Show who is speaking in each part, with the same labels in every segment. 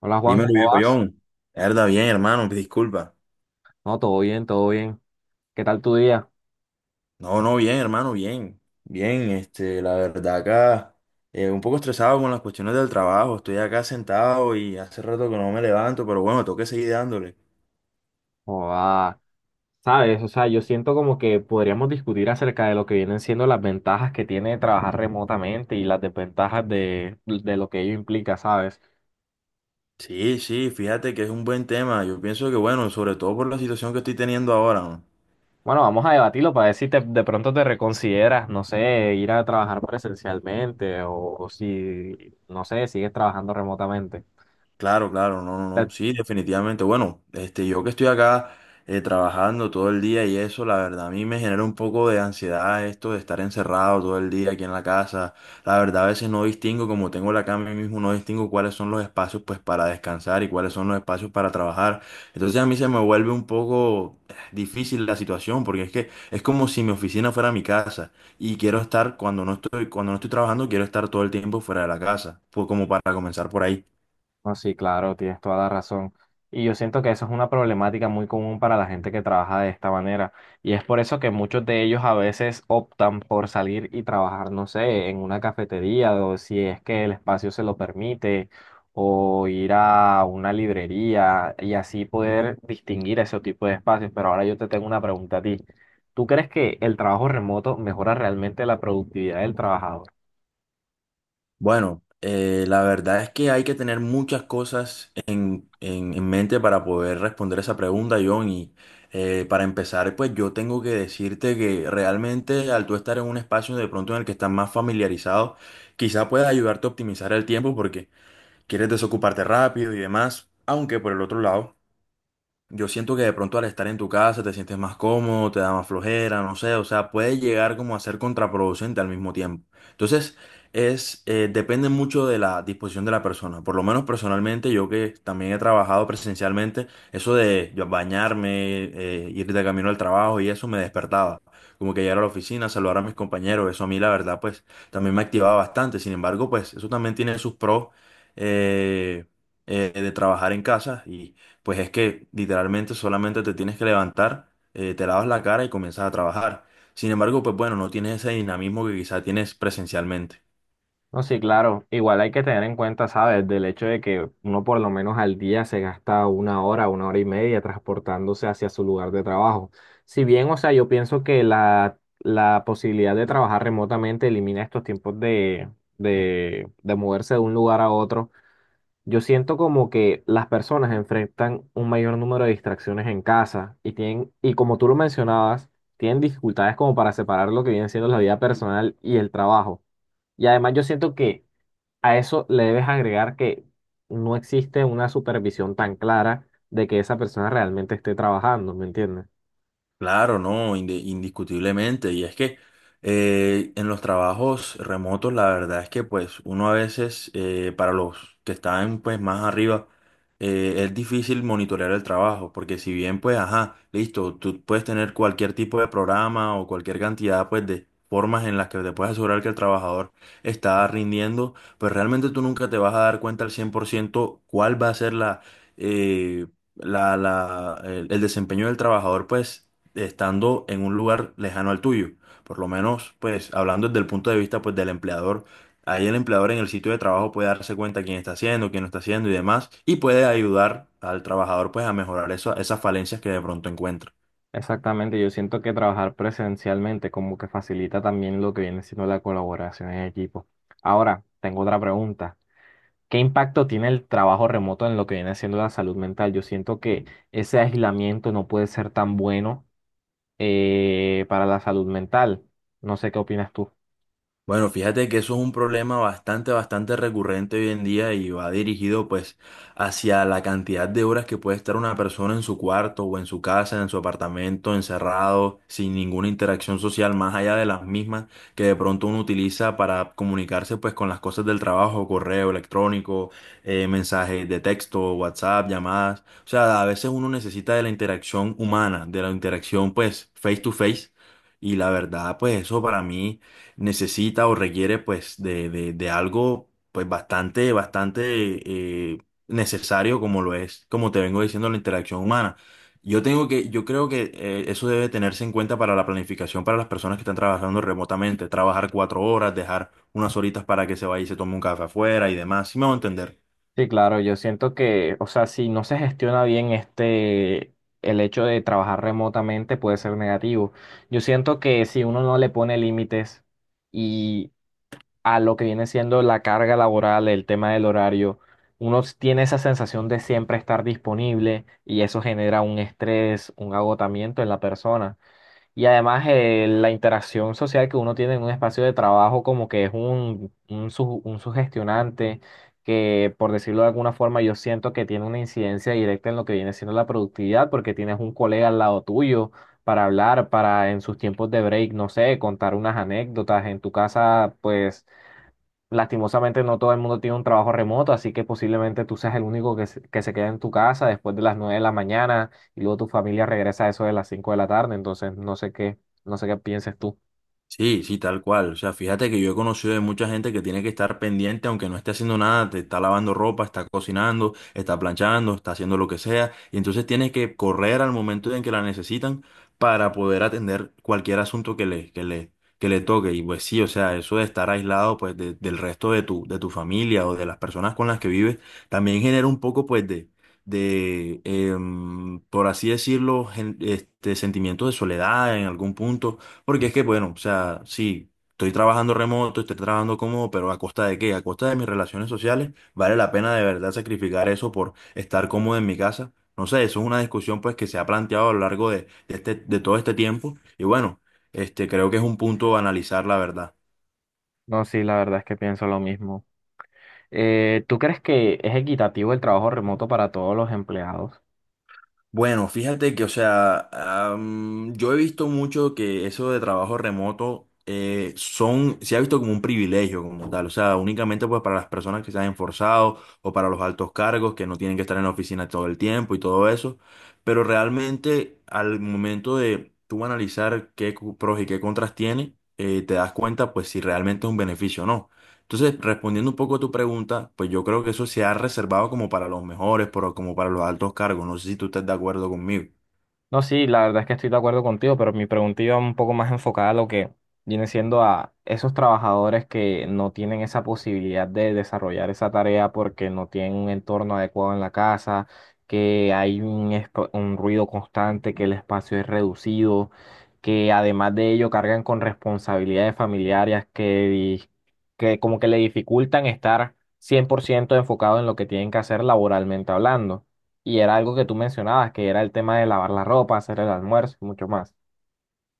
Speaker 1: Hola Juan,
Speaker 2: Dímelo,
Speaker 1: ¿cómo
Speaker 2: viejo
Speaker 1: vas?
Speaker 2: John. Verdad, bien, hermano, disculpa.
Speaker 1: No, todo bien, todo bien. ¿Qué tal tu día?
Speaker 2: No, no, bien, hermano, bien. Bien, este, la verdad acá, un poco estresado con las cuestiones del trabajo. Estoy acá sentado y hace rato que no me levanto, pero bueno, tengo que seguir dándole.
Speaker 1: Oh, ah, sabes, o sea, yo siento como que podríamos discutir acerca de lo que vienen siendo las ventajas que tiene trabajar remotamente y las desventajas de lo que ello implica, ¿sabes?
Speaker 2: Sí, sí, fíjate que es un buen tema. Yo pienso que, bueno, sobre todo por la situación que estoy teniendo ahora, ¿no?
Speaker 1: Bueno, vamos a debatirlo para ver si de pronto te reconsideras, no sé, ir a trabajar presencialmente o si, no sé, sigues trabajando remotamente.
Speaker 2: Claro, claro, no, no, no. Sí, definitivamente. Bueno, este, yo que estoy acá trabajando todo el día y eso, la verdad, a mí me genera un poco de ansiedad esto de estar encerrado todo el día aquí en la casa. La verdad, a veces no distingo, como tengo la cama ahí mismo, no distingo cuáles son los espacios pues para descansar y cuáles son los espacios para trabajar. Entonces a mí se me vuelve un poco difícil la situación, porque es que es como si mi oficina fuera mi casa y quiero estar cuando no estoy trabajando, quiero estar todo el tiempo fuera de la casa, pues como para comenzar por ahí.
Speaker 1: No, sí, claro, tienes toda la razón. Y yo siento que eso es una problemática muy común para la gente que trabaja de esta manera. Y es por eso que muchos de ellos a veces optan por salir y trabajar, no sé, en una cafetería o si es que el espacio se lo permite, o ir a una librería y así poder distinguir ese tipo de espacios. Pero ahora yo te tengo una pregunta a ti. ¿Tú crees que el trabajo remoto mejora realmente la productividad del trabajador?
Speaker 2: Bueno, la verdad es que hay que tener muchas cosas en mente para poder responder esa pregunta, John. Y para empezar, pues yo tengo que decirte que realmente al tú estar en un espacio de pronto en el que estás más familiarizado, quizá pueda ayudarte a optimizar el tiempo porque quieres desocuparte rápido y demás. Aunque por el otro lado... Yo siento que de pronto al estar en tu casa te sientes más cómodo, te da más flojera, no sé, o sea, puede llegar como a ser contraproducente al mismo tiempo. Entonces, depende mucho de la disposición de la persona. Por lo menos personalmente, yo que también he trabajado presencialmente, eso de yo bañarme, ir de camino al trabajo y eso me despertaba. Como que llegar a la oficina, saludar a mis compañeros, eso a mí la verdad, pues también me activaba bastante. Sin embargo, pues eso también tiene sus pros eh, de trabajar en casa y pues es que literalmente solamente te tienes que levantar, te lavas la cara y comienzas a trabajar. Sin embargo, pues bueno, no tienes ese dinamismo que quizá tienes presencialmente.
Speaker 1: No, sí, claro. Igual hay que tener en cuenta, ¿sabes? Del hecho de que uno por lo menos al día se gasta una hora y media transportándose hacia su lugar de trabajo. Si bien, o sea, yo pienso que la posibilidad de trabajar remotamente elimina estos tiempos de moverse de un lugar a otro, yo siento como que las personas enfrentan un mayor número de distracciones en casa y tienen, y como tú lo mencionabas, tienen dificultades como para separar lo que viene siendo la vida personal y el trabajo. Y además yo siento que a eso le debes agregar que no existe una supervisión tan clara de que esa persona realmente esté trabajando, ¿me entiendes?
Speaker 2: Claro, no, indiscutiblemente. Y es que en los trabajos remotos, la verdad es que pues uno a veces, para los que están pues más arriba, es difícil monitorear el trabajo, porque si bien pues, ajá, listo, tú puedes tener cualquier tipo de programa o cualquier cantidad pues de formas en las que te puedes asegurar que el trabajador está rindiendo, pues realmente tú nunca te vas a dar cuenta al 100% cuál va a ser eh, el desempeño del trabajador, pues estando en un lugar lejano al tuyo. Por lo menos, pues, hablando desde el punto de vista, pues, del empleador, ahí el empleador en el sitio de trabajo puede darse cuenta quién está haciendo, quién no está haciendo y demás, y puede ayudar al trabajador, pues, a mejorar esas falencias que de pronto encuentra.
Speaker 1: Exactamente, yo siento que trabajar presencialmente como que facilita también lo que viene siendo la colaboración en equipo. Ahora, tengo otra pregunta. ¿Qué impacto tiene el trabajo remoto en lo que viene siendo la salud mental? Yo siento que ese aislamiento no puede ser tan bueno para la salud mental. No sé qué opinas tú.
Speaker 2: Bueno, fíjate que eso es un problema bastante, bastante recurrente hoy en día y va dirigido pues hacia la cantidad de horas que puede estar una persona en su cuarto o en su casa, en su apartamento, encerrado, sin ninguna interacción social más allá de las mismas que de pronto uno utiliza para comunicarse pues con las cosas del trabajo, correo electrónico, mensajes de texto, WhatsApp, llamadas. O sea, a veces uno necesita de la interacción humana, de la interacción pues face to face. Y la verdad, pues eso para mí necesita o requiere pues de algo pues bastante, bastante eh, necesario como lo es, como te vengo diciendo, la interacción humana. Yo tengo que, yo creo que eso debe tenerse en cuenta para la planificación para las personas que están trabajando remotamente, trabajar 4 horas, dejar unas horitas para que se vaya y se tome un café afuera y demás, ¿si me va a entender?
Speaker 1: Sí, claro, yo siento que, o sea, si no se gestiona bien el hecho de trabajar remotamente puede ser negativo. Yo siento que si uno no le pone límites y a lo que viene siendo la carga laboral, el tema del horario, uno tiene esa sensación de siempre estar disponible y eso genera un estrés, un agotamiento en la persona. Y además la interacción social que uno tiene en un espacio de trabajo como que es un sugestionante que, por decirlo de alguna forma, yo siento que tiene una incidencia directa en lo que viene siendo la productividad porque tienes un colega al lado tuyo para hablar, para en sus tiempos de break, no sé, contar unas anécdotas. En tu casa, pues, lastimosamente no todo el mundo tiene un trabajo remoto, así que posiblemente tú seas el único que se queda en tu casa después de las 9 de la mañana y luego tu familia regresa a eso de las 5 de la tarde, entonces no sé qué, no sé qué pienses tú.
Speaker 2: Sí, sí, tal cual. O sea, fíjate que yo he conocido de mucha gente que tiene que estar pendiente, aunque no esté haciendo nada, te está lavando ropa, está cocinando, está planchando, está haciendo lo que sea, y entonces tienes que correr al momento en que la necesitan para poder atender cualquier asunto que le toque. Y pues sí, o sea, eso de estar aislado pues del resto de tu familia o de las personas con las que vives, también genera un poco pues de por así decirlo, este sentimiento de soledad en algún punto porque es que, bueno, o sea, sí, estoy trabajando remoto, estoy trabajando cómodo, pero ¿a costa de qué? A costa de mis relaciones sociales, ¿vale la pena de verdad sacrificar eso por estar cómodo en mi casa? No sé, eso es una discusión pues que se ha planteado a lo largo de todo este tiempo y bueno, este, creo que es un punto a analizar la verdad.
Speaker 1: No, sí, la verdad es que pienso lo mismo. ¿Tú crees que es equitativo el trabajo remoto para todos los empleados?
Speaker 2: Bueno, fíjate que, o sea, yo he visto mucho que eso de trabajo remoto son, se ha visto como un privilegio como tal, o sea, únicamente pues para las personas que se han esforzado o para los altos cargos que no tienen que estar en la oficina todo el tiempo y todo eso, pero realmente al momento de tú analizar qué pros y qué contras tiene, te das cuenta pues si realmente es un beneficio o no. Entonces, respondiendo un poco a tu pregunta, pues yo creo que eso se ha reservado como para los mejores, pero como para los altos cargos. No sé si tú estás de acuerdo conmigo.
Speaker 1: No, sí, la verdad es que estoy de acuerdo contigo, pero mi pregunta iba un poco más enfocada a lo que viene siendo a esos trabajadores que no tienen esa posibilidad de desarrollar esa tarea porque no tienen un entorno adecuado en la casa, que hay un, un ruido constante, que el espacio es reducido, que además de ello cargan con responsabilidades familiares que, que como que le dificultan estar 100% enfocado en lo que tienen que hacer laboralmente hablando. Y era algo que tú mencionabas, que era el tema de lavar la ropa, hacer el almuerzo y mucho más.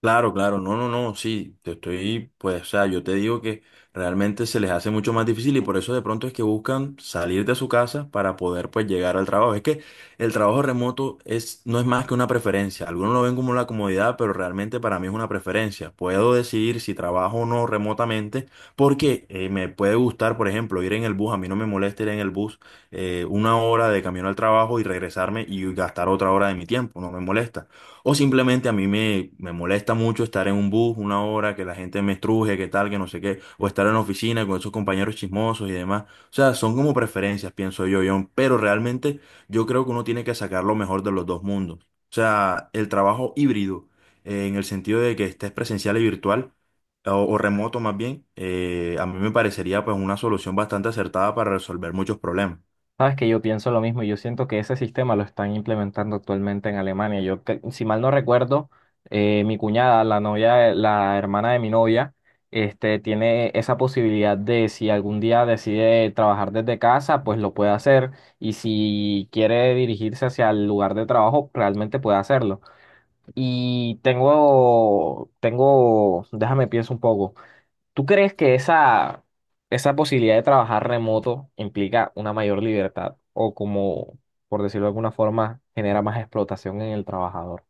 Speaker 2: Claro, claro, no, no, no, sí, te estoy, pues, o sea, yo te digo que realmente se les hace mucho más difícil y por eso de pronto es que buscan salir de su casa para poder, pues, llegar al trabajo. Es que el trabajo remoto es, no es más que una preferencia. Algunos lo ven como una comodidad, pero realmente para mí es una preferencia. Puedo decidir si trabajo o no remotamente porque me puede gustar, por ejemplo, ir en el bus. A mí no me molesta ir en el bus 1 hora de camino al trabajo y regresarme y gastar otra hora de mi tiempo, no me molesta. O simplemente a mí me molesta mucho estar en un bus 1 hora, que la gente me estruje, que tal, que no sé qué, o estar en la oficina con esos compañeros chismosos y demás. O sea, son como preferencias, pienso yo, John, pero realmente yo creo que uno tiene que sacar lo mejor de los dos mundos. O sea, el trabajo híbrido, en el sentido de que estés presencial y virtual, o remoto más bien, a mí me parecería pues una solución bastante acertada para resolver muchos problemas.
Speaker 1: Sabes que yo pienso lo mismo y yo siento que ese sistema lo están implementando actualmente en Alemania. Si mal no recuerdo, mi cuñada, la novia, la hermana de mi novia, tiene esa posibilidad de si algún día decide trabajar desde casa, pues lo puede hacer. Y si quiere dirigirse hacia el lugar de trabajo, realmente puede hacerlo. Y déjame pienso un poco. ¿Tú crees que esa posibilidad de trabajar remoto implica una mayor libertad o como, por decirlo de alguna forma, genera más explotación en el trabajador?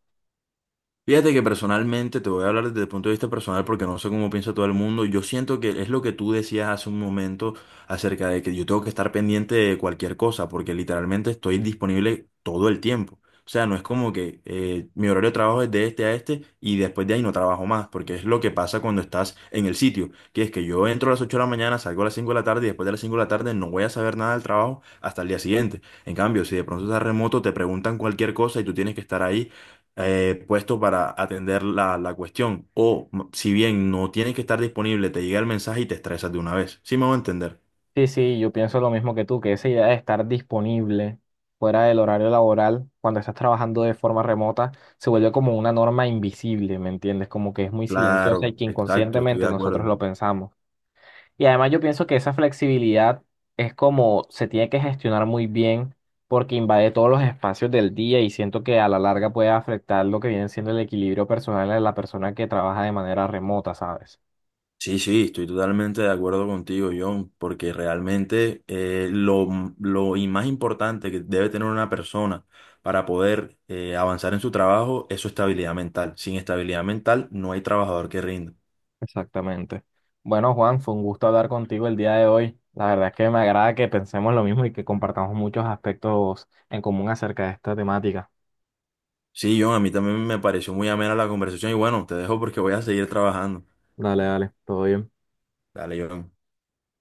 Speaker 2: Fíjate que personalmente, te voy a hablar desde el punto de vista personal porque no sé cómo piensa todo el mundo. Yo siento que es lo que tú decías hace un momento acerca de que yo tengo que estar pendiente de cualquier cosa porque literalmente estoy disponible todo el tiempo. O sea, no es como que mi horario de trabajo es de este a este y después de ahí no trabajo más porque es lo que pasa cuando estás en el sitio. Que es que yo entro a las 8 de la mañana, salgo a las 5 de la tarde y después de las 5 de la tarde no voy a saber nada del trabajo hasta el día siguiente. En cambio, si de pronto estás remoto, te preguntan cualquier cosa y tú tienes que estar ahí puesto para atender la cuestión. Si bien no tienes que estar disponible, te llega el mensaje y te estresas de una vez. ¿Sí me voy a entender?
Speaker 1: Sí, sí, yo pienso lo mismo que tú, que esa idea de estar disponible fuera del horario laboral cuando estás trabajando de forma remota se vuelve como una norma invisible, ¿me entiendes? Como que es muy silenciosa y
Speaker 2: Claro,
Speaker 1: que
Speaker 2: exacto, estoy de
Speaker 1: inconscientemente nosotros
Speaker 2: acuerdo.
Speaker 1: lo pensamos. Y además yo pienso que esa flexibilidad es como se tiene que gestionar muy bien porque invade todos los espacios del día y siento que a la larga puede afectar lo que viene siendo el equilibrio personal de la persona que trabaja de manera remota, ¿sabes?
Speaker 2: Sí, sí, estoy totalmente de acuerdo contigo, John, porque realmente lo y más importante que debe tener una persona para poder avanzar en su trabajo es su estabilidad mental. Sin estabilidad mental no hay trabajador que rinda.
Speaker 1: Exactamente. Bueno, Juan, fue un gusto hablar contigo el día de hoy. La verdad es que me agrada que pensemos lo mismo y que compartamos muchos aspectos en común acerca de esta temática.
Speaker 2: Sí, John, a mí también me pareció muy amena la conversación y bueno, te dejo porque voy a seguir trabajando.
Speaker 1: Dale, dale, todo bien.
Speaker 2: Dale, John.